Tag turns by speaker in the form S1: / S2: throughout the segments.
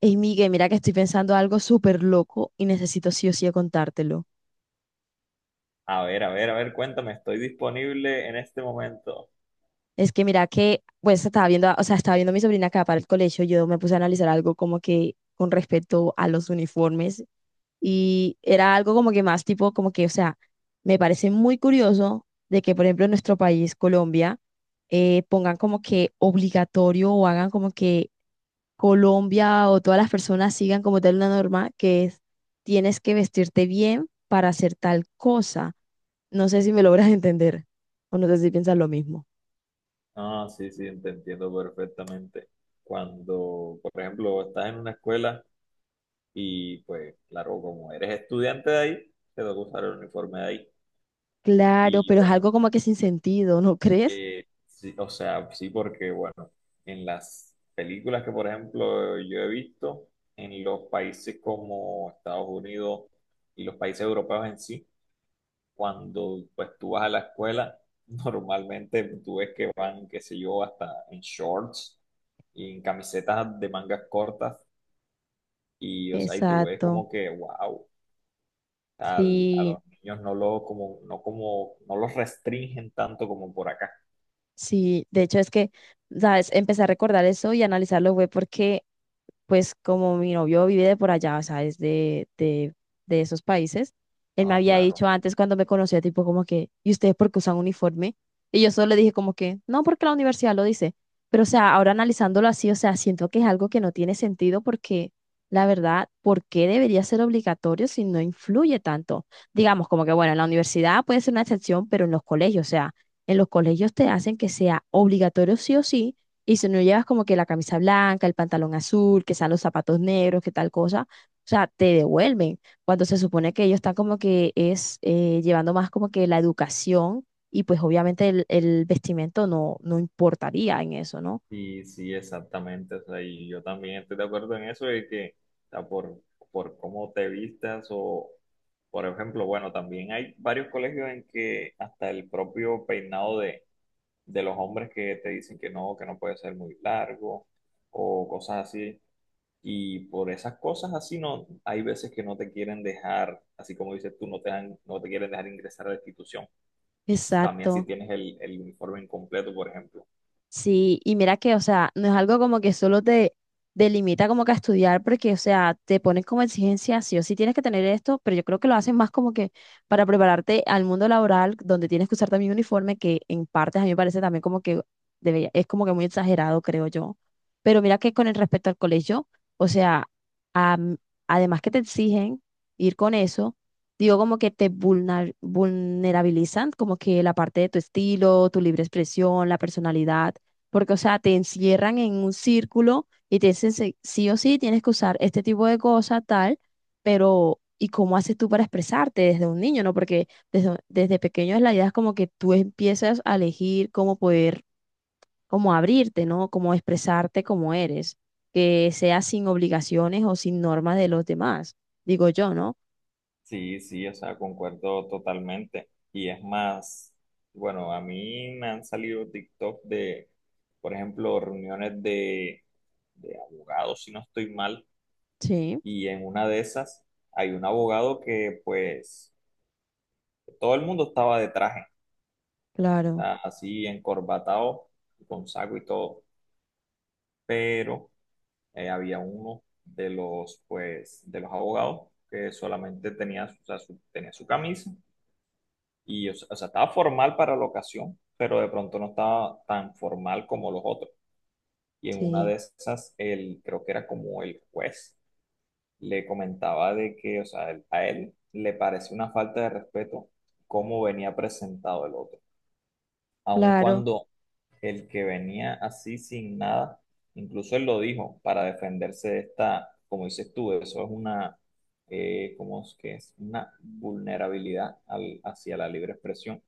S1: Ey, Miguel, mira que estoy pensando algo súper loco y necesito sí o sí contártelo.
S2: A ver, a ver, a ver, cuéntame, ¿estoy disponible en este momento?
S1: Es que mira que, pues estaba viendo, o sea, estaba viendo a mi sobrina acá para el colegio, yo me puse a analizar algo como que con respecto a los uniformes y era algo como que más tipo, como que, o sea, me parece muy curioso de que, por ejemplo, en nuestro país, Colombia, pongan como que obligatorio o hagan como que Colombia o todas las personas sigan como tal una norma que es, tienes que vestirte bien para hacer tal cosa. No sé si me logras entender o no sé si piensas lo mismo.
S2: Ah, sí, sí, te entiendo perfectamente. Cuando, por ejemplo, estás en una escuela y, pues, claro, como eres estudiante de ahí, te toca usar el uniforme de ahí.
S1: Claro,
S2: Y
S1: pero es
S2: bueno,
S1: algo como que sin sentido, ¿no crees?
S2: sí, o sea, sí, porque, bueno, en las películas que, por ejemplo, yo he visto, en los países como Estados Unidos y los países europeos en sí, cuando pues tú vas a la escuela, normalmente tú ves que van, qué sé yo, hasta en shorts y en camisetas de mangas cortas y o sea, y tú ves
S1: Exacto.
S2: como que wow, a
S1: Sí,
S2: los niños no lo como no los restringen tanto como por acá.
S1: sí. De hecho, es que, ¿sabes? Empecé a recordar eso y a analizarlo fue porque pues como mi novio vive de por allá, o sea, es de esos países, él me
S2: Ah,
S1: había
S2: claro.
S1: dicho antes cuando me conocía, tipo como que, ¿y ustedes por qué usan uniforme? Y yo solo le dije como que, no, porque la universidad lo dice. Pero, o sea, ahora analizándolo así, o sea, siento que es algo que no tiene sentido porque, la verdad, ¿por qué debería ser obligatorio si no influye tanto? Digamos, como que, bueno, en la universidad puede ser una excepción, pero en los colegios, o sea, en los colegios te hacen que sea obligatorio sí o sí y si no llevas como que la camisa blanca, el pantalón azul, que sean los zapatos negros, que tal cosa, o sea, te devuelven. Cuando se supone que ellos están como que es llevando más como que la educación y pues obviamente el vestimento no importaría en eso, ¿no?
S2: Sí, sí, exactamente. O sea, y yo también estoy de acuerdo en eso de que o sea, por cómo te vistas o por ejemplo, bueno, también hay varios colegios en que hasta el propio peinado de los hombres que te dicen que no puede ser muy largo o cosas así. Y por esas cosas así no, hay veces que no te quieren dejar, así como dices tú, no te quieren dejar ingresar a la institución. Y también si
S1: Exacto.
S2: tienes el uniforme incompleto, por ejemplo.
S1: Sí, y mira que, o sea, no es algo como que solo te delimita como que a estudiar, porque, o sea, te ponen como exigencia, sí o sí tienes que tener esto, pero yo creo que lo hacen más como que para prepararte al mundo laboral, donde tienes que usar también uniforme, que en partes a mí me parece también como que debería, es como que muy exagerado, creo yo. Pero mira que con el respecto al colegio, o sea, am- además que te exigen ir con eso, digo como que te vulnerabilizan, como que la parte de tu estilo, tu libre expresión, la personalidad porque, o sea, te encierran en un círculo y te dicen sí o sí tienes que usar este tipo de cosa, tal, pero ¿y cómo haces tú para expresarte desde un niño, no? Porque desde, desde pequeño la idea es como que tú empiezas a elegir cómo poder, cómo abrirte, ¿no? Cómo expresarte como eres, que sea sin obligaciones o sin normas de los demás, digo yo, ¿no?
S2: Sí, sí, o sea, concuerdo totalmente. Y es más, bueno, a mí me han salido TikTok de, por ejemplo, reuniones de abogados, si no estoy mal,
S1: Sí,
S2: y en una de esas hay un abogado que pues todo el mundo estaba de traje,
S1: claro,
S2: así encorbatado, con saco y todo, pero había uno de los pues de los abogados que solamente tenía, o sea, tenía su camisa y o sea, estaba formal para la ocasión, pero de pronto no estaba tan formal como los otros. Y en una
S1: sí,
S2: de esas, el, creo que era como el juez le comentaba de que, o sea, a él le pareció una falta de respeto cómo venía presentado el otro. Aun
S1: claro.
S2: cuando el que venía así sin nada, incluso él lo dijo para defenderse de esta, como dices tú, eso es una, ¿cómo es que es? Una vulnerabilidad hacia la libre expresión.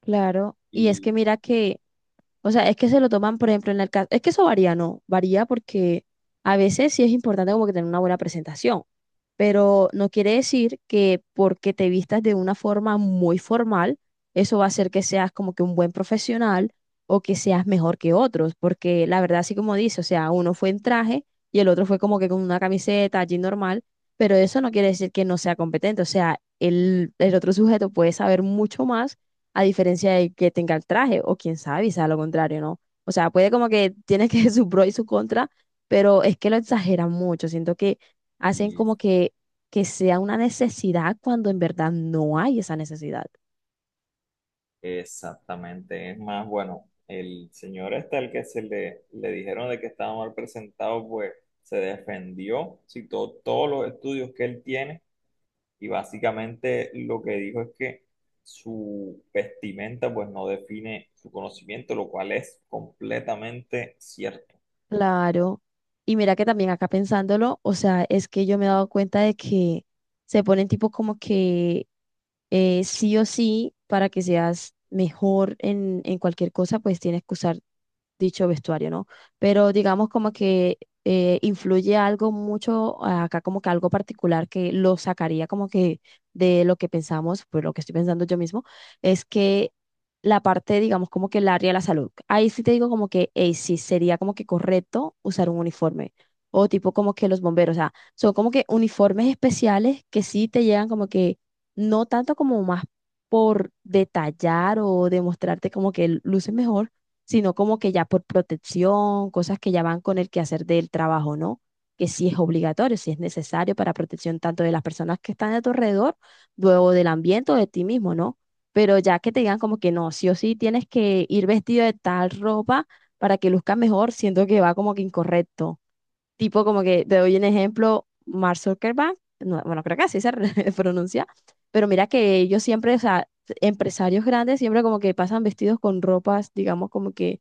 S1: Claro. Y es que
S2: Y,
S1: mira que, o sea, es que se lo toman, por ejemplo, en el caso, es que eso varía, ¿no? Varía porque a veces sí es importante como que tener una buena presentación, pero no quiere decir que porque te vistas de una forma muy formal, eso va a hacer que seas como que un buen profesional o que seas mejor que otros, porque la verdad, así como dice, o sea, uno fue en traje y el otro fue como que con una camiseta, jean normal, pero eso no quiere decir que no sea competente, o sea, el otro sujeto puede saber mucho más a diferencia de que tenga el traje, o quién sabe, y sea lo contrario, ¿no? O sea, puede como que tiene que su pro y su contra, pero es que lo exageran mucho, siento que hacen
S2: y
S1: como que sea una necesidad cuando en verdad no hay esa necesidad.
S2: Exactamente, es más, bueno, el señor este al que se le dijeron de que estaba mal presentado, pues se defendió, citó todos los estudios que él tiene y básicamente lo que dijo es que su vestimenta pues no define su conocimiento, lo cual es completamente cierto.
S1: Claro. Y mira que también acá pensándolo, o sea, es que yo me he dado cuenta de que se ponen tipo como que sí o sí, para que seas mejor en cualquier cosa, pues tienes que usar dicho vestuario, ¿no? Pero digamos como que influye algo mucho acá, como que algo particular que lo sacaría como que de lo que pensamos, pues lo que estoy pensando yo mismo, es que la parte, digamos, como que el área de la salud. Ahí sí te digo como que, hey, sí, sería como que correcto usar un uniforme. O tipo como que los bomberos, o sea, son como que uniformes especiales que sí te llegan como que, no tanto como más por detallar o demostrarte como que luces mejor, sino como que ya por protección, cosas que ya van con el quehacer del trabajo, ¿no? Que sí es obligatorio, sí es necesario para protección tanto de las personas que están a tu alrededor, luego del ambiente o de ti mismo, ¿no? Pero ya que te digan como que no, sí o sí tienes que ir vestido de tal ropa para que luzcas mejor, siento que va como que incorrecto. Tipo como que, te doy un ejemplo, Mark Zuckerberg, no, bueno, creo que así se pronuncia, pero mira que ellos siempre, o sea, empresarios grandes siempre como que pasan vestidos con ropas, digamos, como que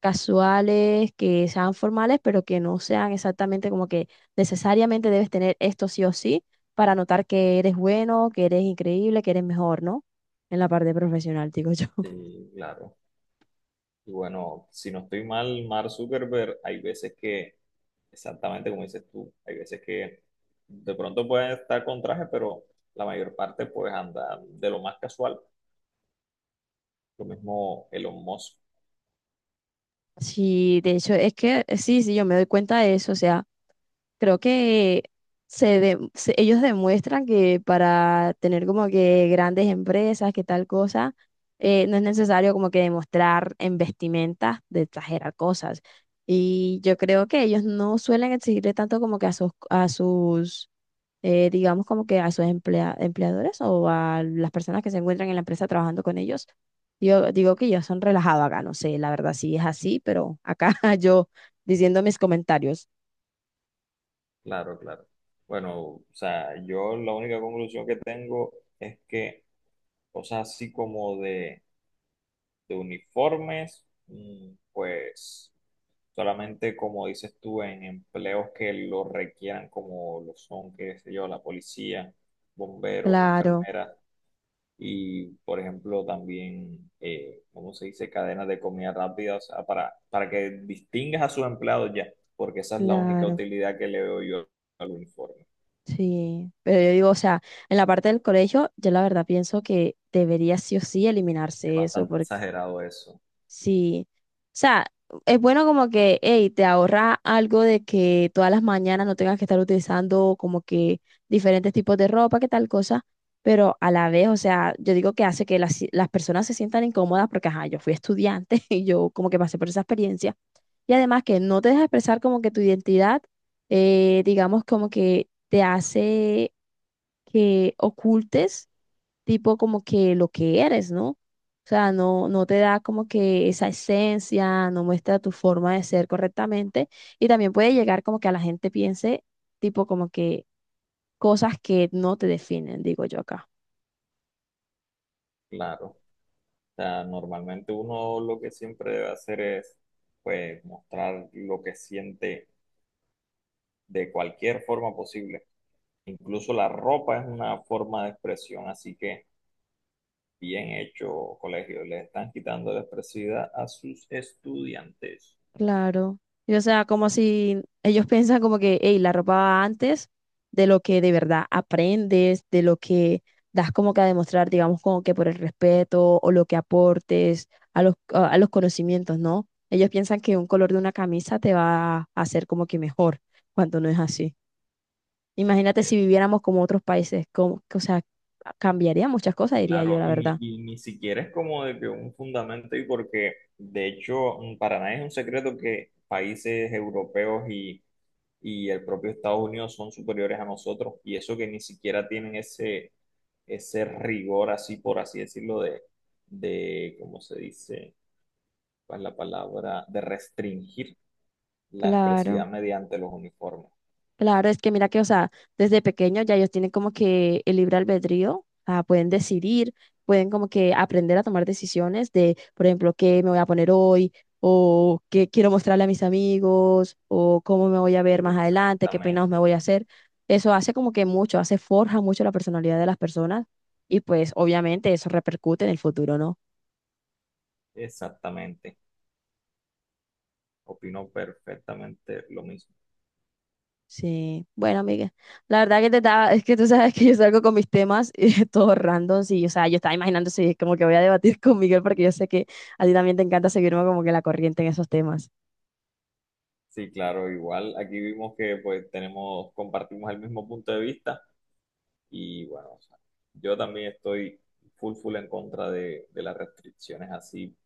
S1: casuales, que sean formales, pero que no sean exactamente como que necesariamente debes tener esto sí o sí para notar que eres bueno, que eres increíble, que eres mejor, ¿no? En la parte profesional, digo yo.
S2: Sí, claro. Y bueno, si no estoy mal, Mark Zuckerberg, hay veces que, exactamente como dices tú, hay veces que de pronto puede estar con traje, pero la mayor parte pues anda de lo más casual. Lo mismo Elon Musk,
S1: Sí, de hecho, es que sí, sí, yo me doy cuenta de eso, o sea. Creo que ellos demuestran que para tener como que grandes empresas, que tal cosa, no es necesario como que demostrar en vestimenta de exagerar cosas. Y yo creo que ellos no suelen exigirle tanto como que a sus, digamos como que a sus empleadores o a las personas que se encuentran en la empresa trabajando con ellos. Yo digo que ellos son relajados acá, no sé, la verdad sí es así, pero acá yo diciendo mis comentarios.
S2: claro, claro. Bueno, o sea, yo la única conclusión que tengo es que cosas así como de uniformes, mm, pues solamente como dices tú, en empleos que lo requieran, como lo son, qué sé yo, la policía, bomberos,
S1: Claro.
S2: enfermeras y, por ejemplo, también, ¿cómo se dice?, cadenas de comida rápida, o sea, para que distingas a sus empleados ya, porque esa es la única
S1: Claro,
S2: utilidad que le veo yo al uniforme.
S1: sí. Pero yo digo, o sea, en la parte del colegio, yo la verdad pienso que debería sí o sí
S2: Es
S1: eliminarse eso,
S2: bastante
S1: porque
S2: exagerado eso,
S1: sí. O sea, es bueno como que, hey, te ahorra algo de que todas las mañanas no tengas que estar utilizando como que diferentes tipos de ropa, que tal cosa. Pero a la vez, o sea, yo digo que hace que las personas se sientan incómodas porque, ajá, yo fui estudiante y yo como que pasé por esa experiencia. Y además que no te deja expresar como que tu identidad, digamos como que te hace que ocultes tipo como que lo que eres, ¿no? O sea, no, no te da como que esa esencia, no muestra tu forma de ser correctamente y también puede llegar como que a la gente piense tipo como que cosas que no te definen, digo yo acá.
S2: claro. O sea, normalmente uno lo que siempre debe hacer es, pues, mostrar lo que siente de cualquier forma posible. Incluso la ropa es una forma de expresión, así que bien hecho, colegio. Le están quitando la expresividad a sus estudiantes.
S1: Claro. Y, o sea, como si ellos piensan como que, hey, la ropa va antes de lo que de verdad aprendes, de lo que das como que a demostrar, digamos, como que por el respeto o lo que aportes a los conocimientos, ¿no? Ellos piensan que un color de una camisa te va a hacer como que mejor, cuando no es así. Imagínate
S2: Eh,
S1: si viviéramos como otros países, como, o sea, cambiaría muchas cosas, diría yo,
S2: claro,
S1: la verdad.
S2: y ni siquiera es como de que un fundamento, y porque de hecho mm, para nadie es un secreto que países europeos y el propio Estados Unidos son superiores a nosotros, y eso que ni siquiera tienen ese, ese rigor así, por así decirlo, ¿cómo se dice? Pues, la palabra de restringir la
S1: Claro.
S2: expresividad mediante los uniformes.
S1: Claro, es que mira que, o sea, desde pequeños ya ellos tienen como que el libre albedrío, ah, pueden decidir, pueden como que aprender a tomar decisiones de, por ejemplo, qué me voy a poner hoy, o qué quiero mostrarle a mis amigos, o cómo me voy a ver más adelante, qué peinados me
S2: Exactamente,
S1: voy a hacer. Eso hace como que mucho, hace forja mucho la personalidad de las personas y pues obviamente eso repercute en el futuro, ¿no?
S2: Exactamente. Opino perfectamente lo mismo.
S1: Sí, bueno, amiga, la verdad que te estaba, es que tú sabes que yo salgo con mis temas todos random, sí, o sea, yo estaba imaginando si es como que voy a debatir con Miguel porque yo sé que a ti también te encanta seguirme como que la corriente en esos temas.
S2: Sí, claro, igual aquí vimos que pues tenemos, compartimos el mismo punto de vista y bueno, o sea, yo también estoy full en contra de las restricciones así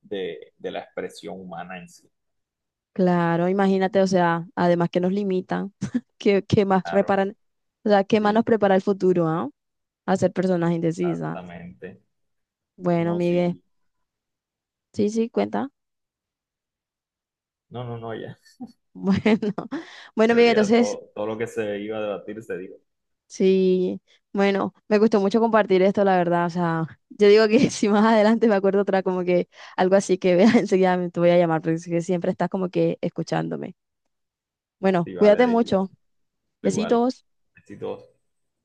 S2: de la expresión humana en sí.
S1: Claro, imagínate, o sea, además que nos limitan, que, más
S2: Claro,
S1: reparan, o sea, qué más nos
S2: sí,
S1: prepara el futuro, ¿ah? A ser personas indecisas.
S2: exactamente.
S1: Bueno,
S2: No,
S1: Miguel,
S2: sí,
S1: sí, sí, cuenta.
S2: no, no, no, ya.
S1: Bueno, bueno,
S2: Creo
S1: Miguel,
S2: que ya
S1: entonces...
S2: todo, lo que se iba a debatir se dijo.
S1: Sí, bueno, me gustó mucho compartir esto, la verdad. O sea, yo digo que si más adelante me acuerdo otra, como que algo así que veas enseguida, te voy a llamar, porque es que siempre estás como que escuchándome. Bueno,
S2: Sí, vale,
S1: cuídate
S2: Daisy. No,
S1: mucho.
S2: tú igual.
S1: Besitos.
S2: Besitos.